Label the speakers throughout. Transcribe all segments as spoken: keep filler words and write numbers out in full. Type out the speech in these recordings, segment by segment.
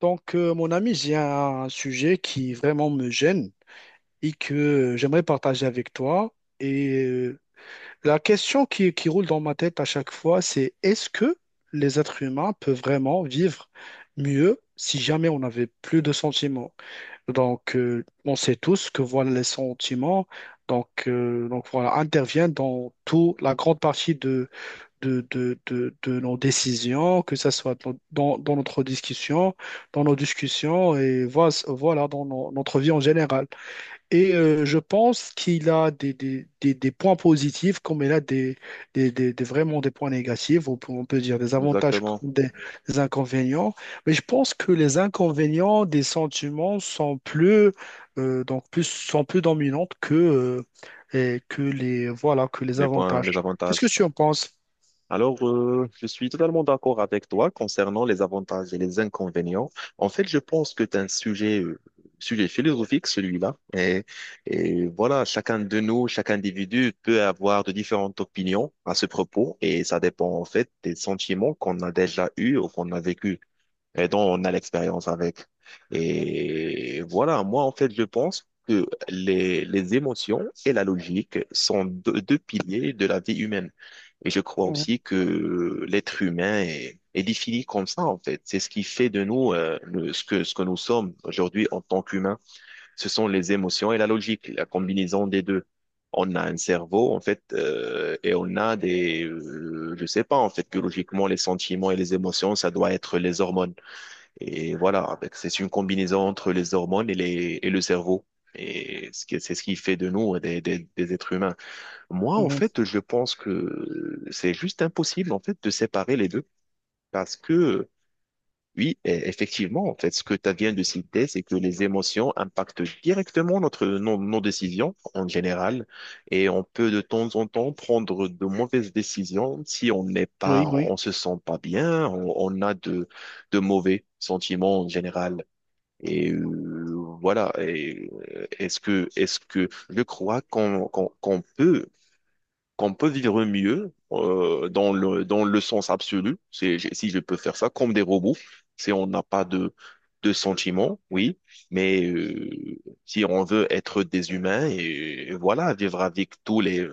Speaker 1: Donc, euh, mon ami, j'ai un sujet qui vraiment me gêne et que euh, j'aimerais partager avec toi. Et euh, la question qui, qui roule dans ma tête à chaque fois, c'est est-ce que les êtres humains peuvent vraiment vivre mieux si jamais on n'avait plus de sentiments? Donc, euh, on sait tous que voilà, les sentiments donc, euh, donc voilà, interviennent dans toute la grande partie de, de, de, de nos décisions, que ce soit dans, dans- dans notre discussion, dans nos discussions et voilà, voilà, dans no- notre vie en général. Et euh, je pense qu'il a des, des, des, des points positifs comme il a des, des, des, des- vraiment des points négatifs, ou on peut dire des avantages
Speaker 2: Exactement,
Speaker 1: comme des, des inconvénients. Mais je pense que les inconvénients des sentiments sont plus, euh, donc plus, sont plus dominants que, euh, et que les, voilà, que les
Speaker 2: les points, les
Speaker 1: avantages. Qu'est-ce que
Speaker 2: avantages.
Speaker 1: tu en penses?
Speaker 2: Alors, euh, je suis totalement d'accord avec toi concernant les avantages et les inconvénients. En fait, je pense que c'est un sujet, euh, sujet philosophique, celui-là. Et, et voilà, chacun de nous, chaque individu peut avoir de différentes opinions à ce propos et ça dépend en fait des sentiments qu'on a déjà eus ou qu'on a vécu, et dont on a l'expérience avec. Et voilà, moi, en fait, je pense que les, les émotions et la logique sont deux, deux piliers de la vie humaine. Et je crois aussi que l'être humain est, est défini comme ça, en fait. C'est ce qui fait de nous euh, le- ce que, ce que nous sommes aujourd'hui en tant qu'humains. Ce sont les émotions et la logique, la combinaison des deux. On a un cerveau, en fait, euh, et on a des, euh, je sais pas, en fait, biologiquement, les sentiments et les émotions, ça doit être les hormones. Et voilà, avec- c'est une combinaison entre les hormones et, les, et le cerveau. Et ce qui- c'est ce qui fait de nous des, des, des êtres humains. Moi, en fait, je pense que c'est juste impossible, en fait, de séparer les deux. Parce que, oui, e- effectivement, en fait, ce que tu viens de citer, c'est que les émotions impactent directement notre, nos, nos décisions, en général. Et on peut, de temps en temps, prendre de mauvaises décisions si on n'est
Speaker 1: Oui,
Speaker 2: pas,
Speaker 1: oui,
Speaker 2: on se sent pas bien, on on a de, de mauvais sentiments en général. Et euh, voilà. Et euh, est-ce que, est-ce que je crois qu'on qu'on, qu'on peut, qu'on peut vivre mieux euh, dans le, dans le sens absolu, c'est, j'ai- si je peux faire ça, comme des robots, si on n'a pas de, de sentiments, oui, mais euh, si on veut être des humains et, voilà, vivre avec tous les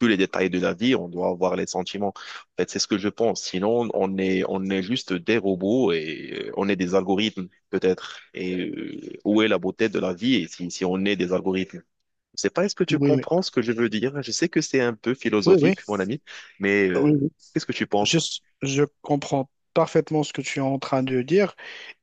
Speaker 2: tous les détails de la vie, on doit avoir les sentiments. En fait, c'est ce que je pense. Sinon, on est, on est juste des robots et euh, on est des algorithmes, peut-être. Et euh, où est la beauté de la vie et si, si on est des algorithmes? Je sais pas, est-ce que tu
Speaker 1: oui, oui,
Speaker 2: comprends ce que je veux dire? Je sais que c'est un peu
Speaker 1: oui, oui,
Speaker 2: philosophique, mon ami, mais
Speaker 1: oui,
Speaker 2: euh,
Speaker 1: oui.
Speaker 2: qu'est-ce que tu
Speaker 1: Je,
Speaker 2: penses?
Speaker 1: je comprends parfaitement ce que tu es en train de dire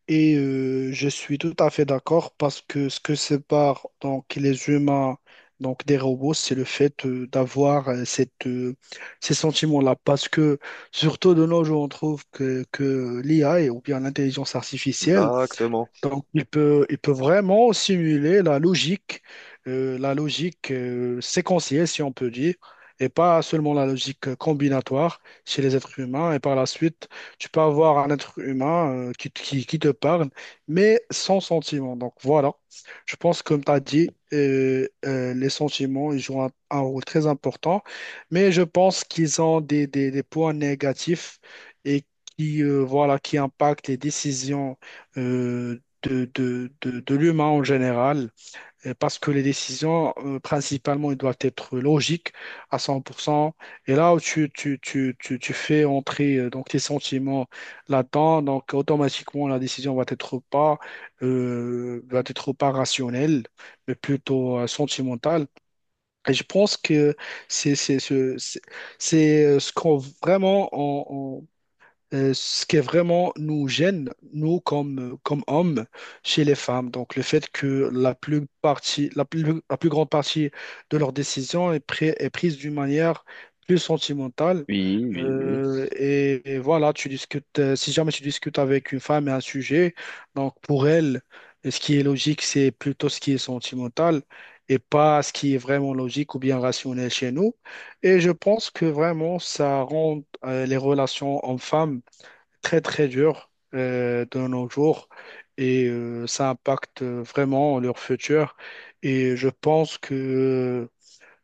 Speaker 1: et euh, je suis tout à fait d'accord parce que ce que sépare donc les humains donc des robots, c'est le fait euh, d'avoir euh, cette, euh, ces sentiments-là parce que surtout de nos jours, on trouve que, que l'I A et- ou bien l'intelligence artificielle.
Speaker 2: Exactement.
Speaker 1: Donc, il peut, il peut vraiment simuler la logique, euh, la logique euh, séquentielle, si on peut dire, et pas seulement la logique euh, combinatoire chez les êtres humains. Et par la suite, tu peux avoir un être humain euh, qui, te- qui- qui te parle, mais sans sentiment. Donc, voilà. Je pense, comme tu as dit, euh, euh, les sentiments, ils jouent un, un rôle très important, mais je pense qu'ils ont des, des- des points négatifs et qui, euh, voilà, qui impactent les décisions euh, de, de, de, de l'humain en général, euh, parce que les décisions, euh, principalement, elles doivent être logiques à cent pour cent. Et là où tu, tu, tu, tu, tu fais entrer euh, donc, tes sentiments là-dedans, donc automatiquement, la décision va être pas, euh, va être pas rationnelle, mais plutôt euh, sentimentale. Et je pense que c'est c'est ce, c'est c'est, euh, ce qu'on vraiment on, euh, ce qui est vraiment nous gêne, nous comme, comme hommes, chez les femmes. Donc le fait que la plus partie, la plus, la plus grande partie de leurs décisions est, pri- est prise d'une manière plus sentimentale.
Speaker 2: Oui, oui, oui.
Speaker 1: Euh, et, et voilà, tu discutes, euh, si jamais tu discutes avec une femme et un sujet, donc pour elle, ce qui est logique, c'est plutôt ce qui est sentimental et pas ce qui est vraiment logique ou bien rationnel chez nous. Et je pense que vraiment, ça rend euh, les relations hommes-femmes très très dur euh, de nos jours et euh, ça impacte vraiment leur futur. Et je pense que,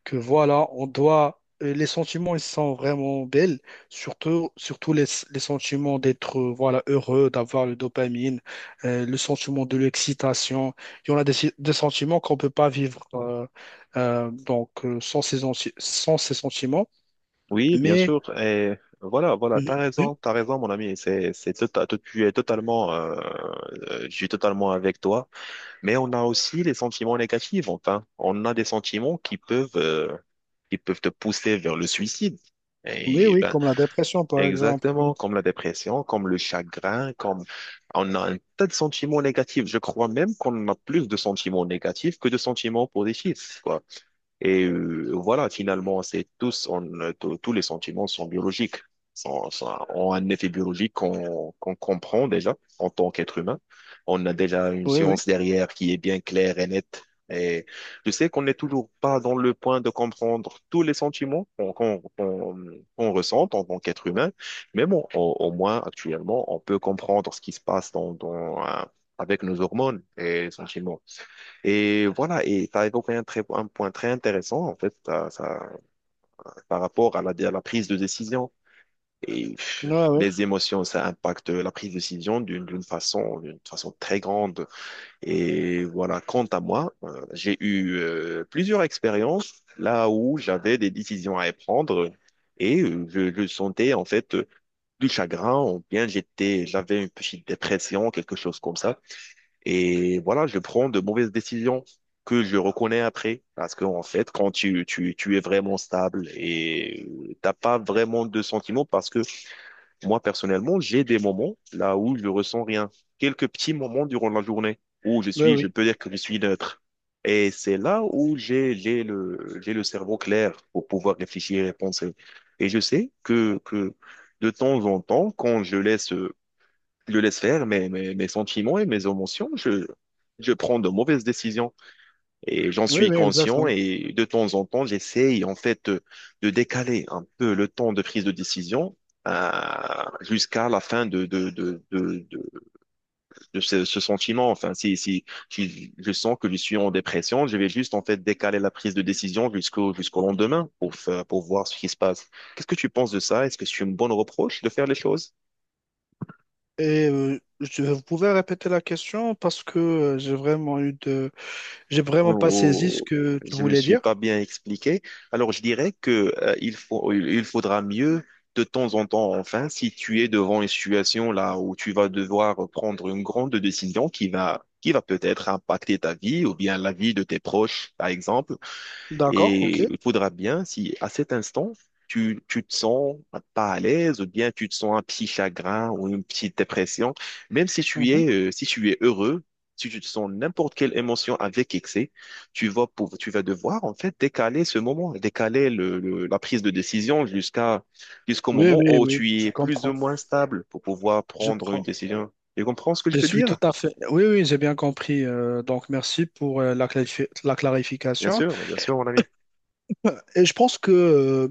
Speaker 1: que voilà, on doit. euh, Les sentiments, ils sont vraiment belles, surtout, surtout les, les sentiments d'être euh, voilà, heureux, d'avoir le dopamine, euh, le sentiment de l'excitation. Il y en a des, des sentiments qu'on ne peut pas vivre euh, euh, donc, euh, sans ces, anti- sans ces sentiments.
Speaker 2: Oui, bien
Speaker 1: Mais
Speaker 2: sûr. Et voilà, voilà, t'as
Speaker 1: oui,
Speaker 2: raison, t'as raison, mon ami. C'est, c'est, tota- tu es totalement, euh, euh, je suis totalement avec toi. Mais on a aussi les sentiments négatifs, enfin. On a des sentiments qui peuvent, euh, qui peuvent te pousser vers le suicide.
Speaker 1: oui,
Speaker 2: Et
Speaker 1: oui,
Speaker 2: ben,
Speaker 1: comme la dépression, par exemple.
Speaker 2: exactement,
Speaker 1: Oui,
Speaker 2: comme la dépression, comme le chagrin, comme on a un tas de sentiments négatifs. Je crois même qu'on a plus de sentiments négatifs que de sentiments positifs, quoi. Et euh, voilà, finalement, c'est tous, on, euh, tous tous les sentiments sont biologiques, sont- sont- ont un effet biologique qu'on qu'on comprend déjà en tant qu'être humain. On a déjà une
Speaker 1: oui.
Speaker 2: science derrière qui est bien claire et nette. Et je sais qu'on n'est toujours pas dans le point de comprendre tous les sentiments qu'on qu'on qu'on- qu'on ressent en tant qu'être humain, mais bon, au, au moins actuellement, on peut comprendre ce qui se passe dans, dans, euh, avec nos hormones et sentiments. Et voilà, et tu as évoqué un, très, un point très intéressant, en fait, ça, ça- par rapport à la, à la prise de décision. Et
Speaker 1: Ouais, ouais,
Speaker 2: les émotions, ça impacte la prise de décision d'une d'une façon, d'une façon très grande. Et voilà, quant à moi, euh, j'ai eu euh, plusieurs expériences là où j'avais des décisions à prendre et euh, je, je sentais en fait euh, du chagrin ou bien j'étais, j'avais une petite dépression, quelque chose comme ça. Et voilà, je prends de mauvaises décisions que je reconnais après. Parce qu'en fait, quand tu, tu, tu es vraiment stable et euh, t'as pas vraiment de sentiments, parce que moi, personnellement, j'ai des moments là où je ressens rien. Quelques petits moments durant la journée où je
Speaker 1: ouais,
Speaker 2: suis, je
Speaker 1: oui,
Speaker 2: peux dire que je suis neutre. Et c'est là où j'ai, j'ai le, j'ai le cerveau clair pour pouvoir réfléchir et penser. Et je sais que, que de temps en temps, quand je laisse euh, je laisse faire mes, mes, mes sentiments et mes émotions. Je, je prends de mauvaises décisions et j'en
Speaker 1: oui,
Speaker 2: suis
Speaker 1: oui,
Speaker 2: conscient
Speaker 1: exactement.
Speaker 2: et de temps en temps, j'essaye en fait de, de décaler un peu le temps de prise de décision euh, jusqu'à la fin de, de, de, de, de, de ce, ce sentiment. Enfin, si, si, si je sens que je suis en dépression, je vais juste en fait décaler la prise de décision jusqu'au jusqu'au lendemain pour, fa- pour voir ce qui se passe. Qu'est-ce que tu penses de ça? Est-ce que c'est une bonne reproche de faire les choses?
Speaker 1: Et euh, je- vous pouvez répéter la question parce que euh, j'ai vraiment eu de, j'ai vraiment pas saisi ce
Speaker 2: ou-
Speaker 1: que tu
Speaker 2: je me
Speaker 1: voulais
Speaker 2: suis
Speaker 1: dire.
Speaker 2: pas bien expliqué. Alors je dirais que euh, il faut, il il faudra mieux de temps en temps, enfin, si tu es devant une situation là où tu vas devoir prendre une grande décision qui va qui va peut-être impacter ta vie ou bien la vie de tes proches, par exemple.
Speaker 1: D'accord, ok.
Speaker 2: Et il faudra bien, si à cet instant, tu, tu te sens pas à l'aise, ou bien tu te sens un petit chagrin ou une petite dépression, même si tu
Speaker 1: Mhm.
Speaker 2: es, euh, si tu es heureux, si tu te sens n'importe quelle émotion avec excès, tu vas, pouv- tu vas devoir en fait décaler ce moment, décaler le, le- la prise de décision jusqu'à jusqu'au
Speaker 1: Oui,
Speaker 2: moment
Speaker 1: oui,
Speaker 2: où
Speaker 1: oui,
Speaker 2: tu
Speaker 1: je
Speaker 2: es plus ou
Speaker 1: comprends.
Speaker 2: moins stable pour pouvoir
Speaker 1: Je
Speaker 2: prendre une
Speaker 1: prends.
Speaker 2: décision. Tu comprends ce que je
Speaker 1: Je
Speaker 2: veux
Speaker 1: suis
Speaker 2: dire?
Speaker 1: tout à fait. Oui, oui, j'ai bien compris. Euh, donc, merci pour euh, la clarifi- la
Speaker 2: Bien
Speaker 1: clarification.
Speaker 2: sûr, mais bien sûr, mon ami.
Speaker 1: Euh, Et je pense que euh,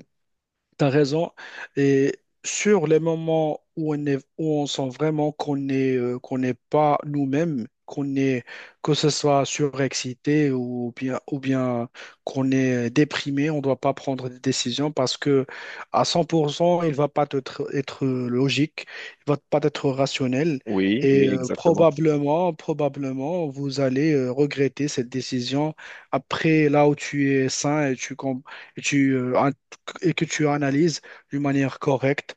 Speaker 1: t'as raison. Et sur les moments où on est, où on sent vraiment qu'on est, euh, qu'on n'est pas nous-mêmes, qu'on est, que ce soit surexcité ou bien, ou bien qu'on est déprimé, on ne doit pas prendre des décisions parce que à cent pour cent, il va pas être, être logique, il va pas être rationnel
Speaker 2: Oui,
Speaker 1: et
Speaker 2: oui,
Speaker 1: euh,
Speaker 2: exactement,
Speaker 1: probablement, probablement, vous allez euh, regretter cette décision après là où tu es sain et tu, com- et tu euh, et que tu analyses d'une manière correcte.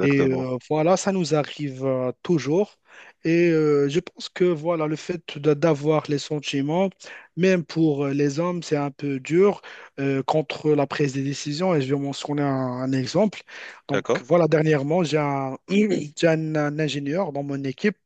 Speaker 1: Et euh, voilà, ça nous arrive euh, toujours. Et euh, je pense que voilà, le fait de- d'avoir les sentiments, même pour euh, les hommes, c'est un peu dur euh, contre la prise des décisions. Et je vais mentionner un, un exemple. Donc
Speaker 2: D'accord?
Speaker 1: voilà, dernièrement, j'ai un, j'ai un un ingénieur dans mon équipe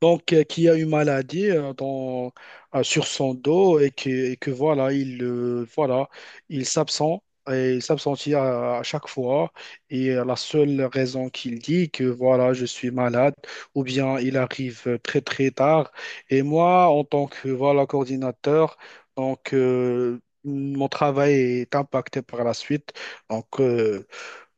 Speaker 1: donc, euh, qui a une maladie euh, dans, euh, sur son dos et que, et que voilà, il, euh, voilà, il s'absent et il s'absentit à, à chaque fois. Et euh, la seule raison qu'il dit que voilà, je suis malade ou bien il arrive euh, très très tard. Et moi, en tant que voilà, coordinateur, donc euh, mon travail est impacté par la suite. Donc, euh,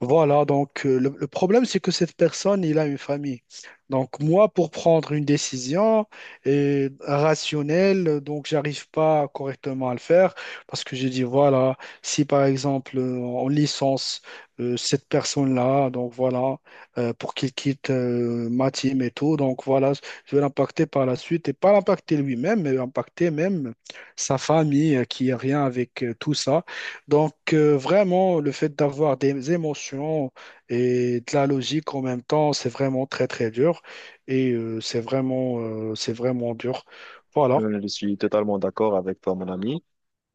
Speaker 1: voilà, donc euh, le, le problème, c'est que cette personne, il a une famille. Donc moi, pour prendre une décision euh, rationnelle, euh, donc j'arrive pas correctement à le faire parce que j'ai dit, voilà, si par exemple euh, on licence euh, cette personne-là, donc voilà, euh, pour qu'il quitte euh, ma team et tout, donc voilà, je vais l'impacter par la suite et pas l'impacter lui-même, mais impacter même sa famille euh, qui a rien avec euh, tout ça. Donc, euh, vraiment, le fait d'avoir des émotions et de la logique en même temps, c'est vraiment très, très dur. Et euh, c'est vraiment, euh, c'est vraiment dur. Voilà.
Speaker 2: Euh, je suis totalement d'accord avec toi, mon ami.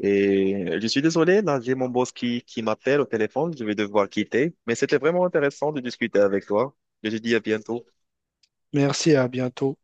Speaker 2: Et je suis désolé, là, j'ai mon boss qui, qui m'appelle au téléphone. Je vais devoir quitter. Mais c'était vraiment intéressant de discuter avec toi. Je te dis à bientôt.
Speaker 1: Merci et à bientôt.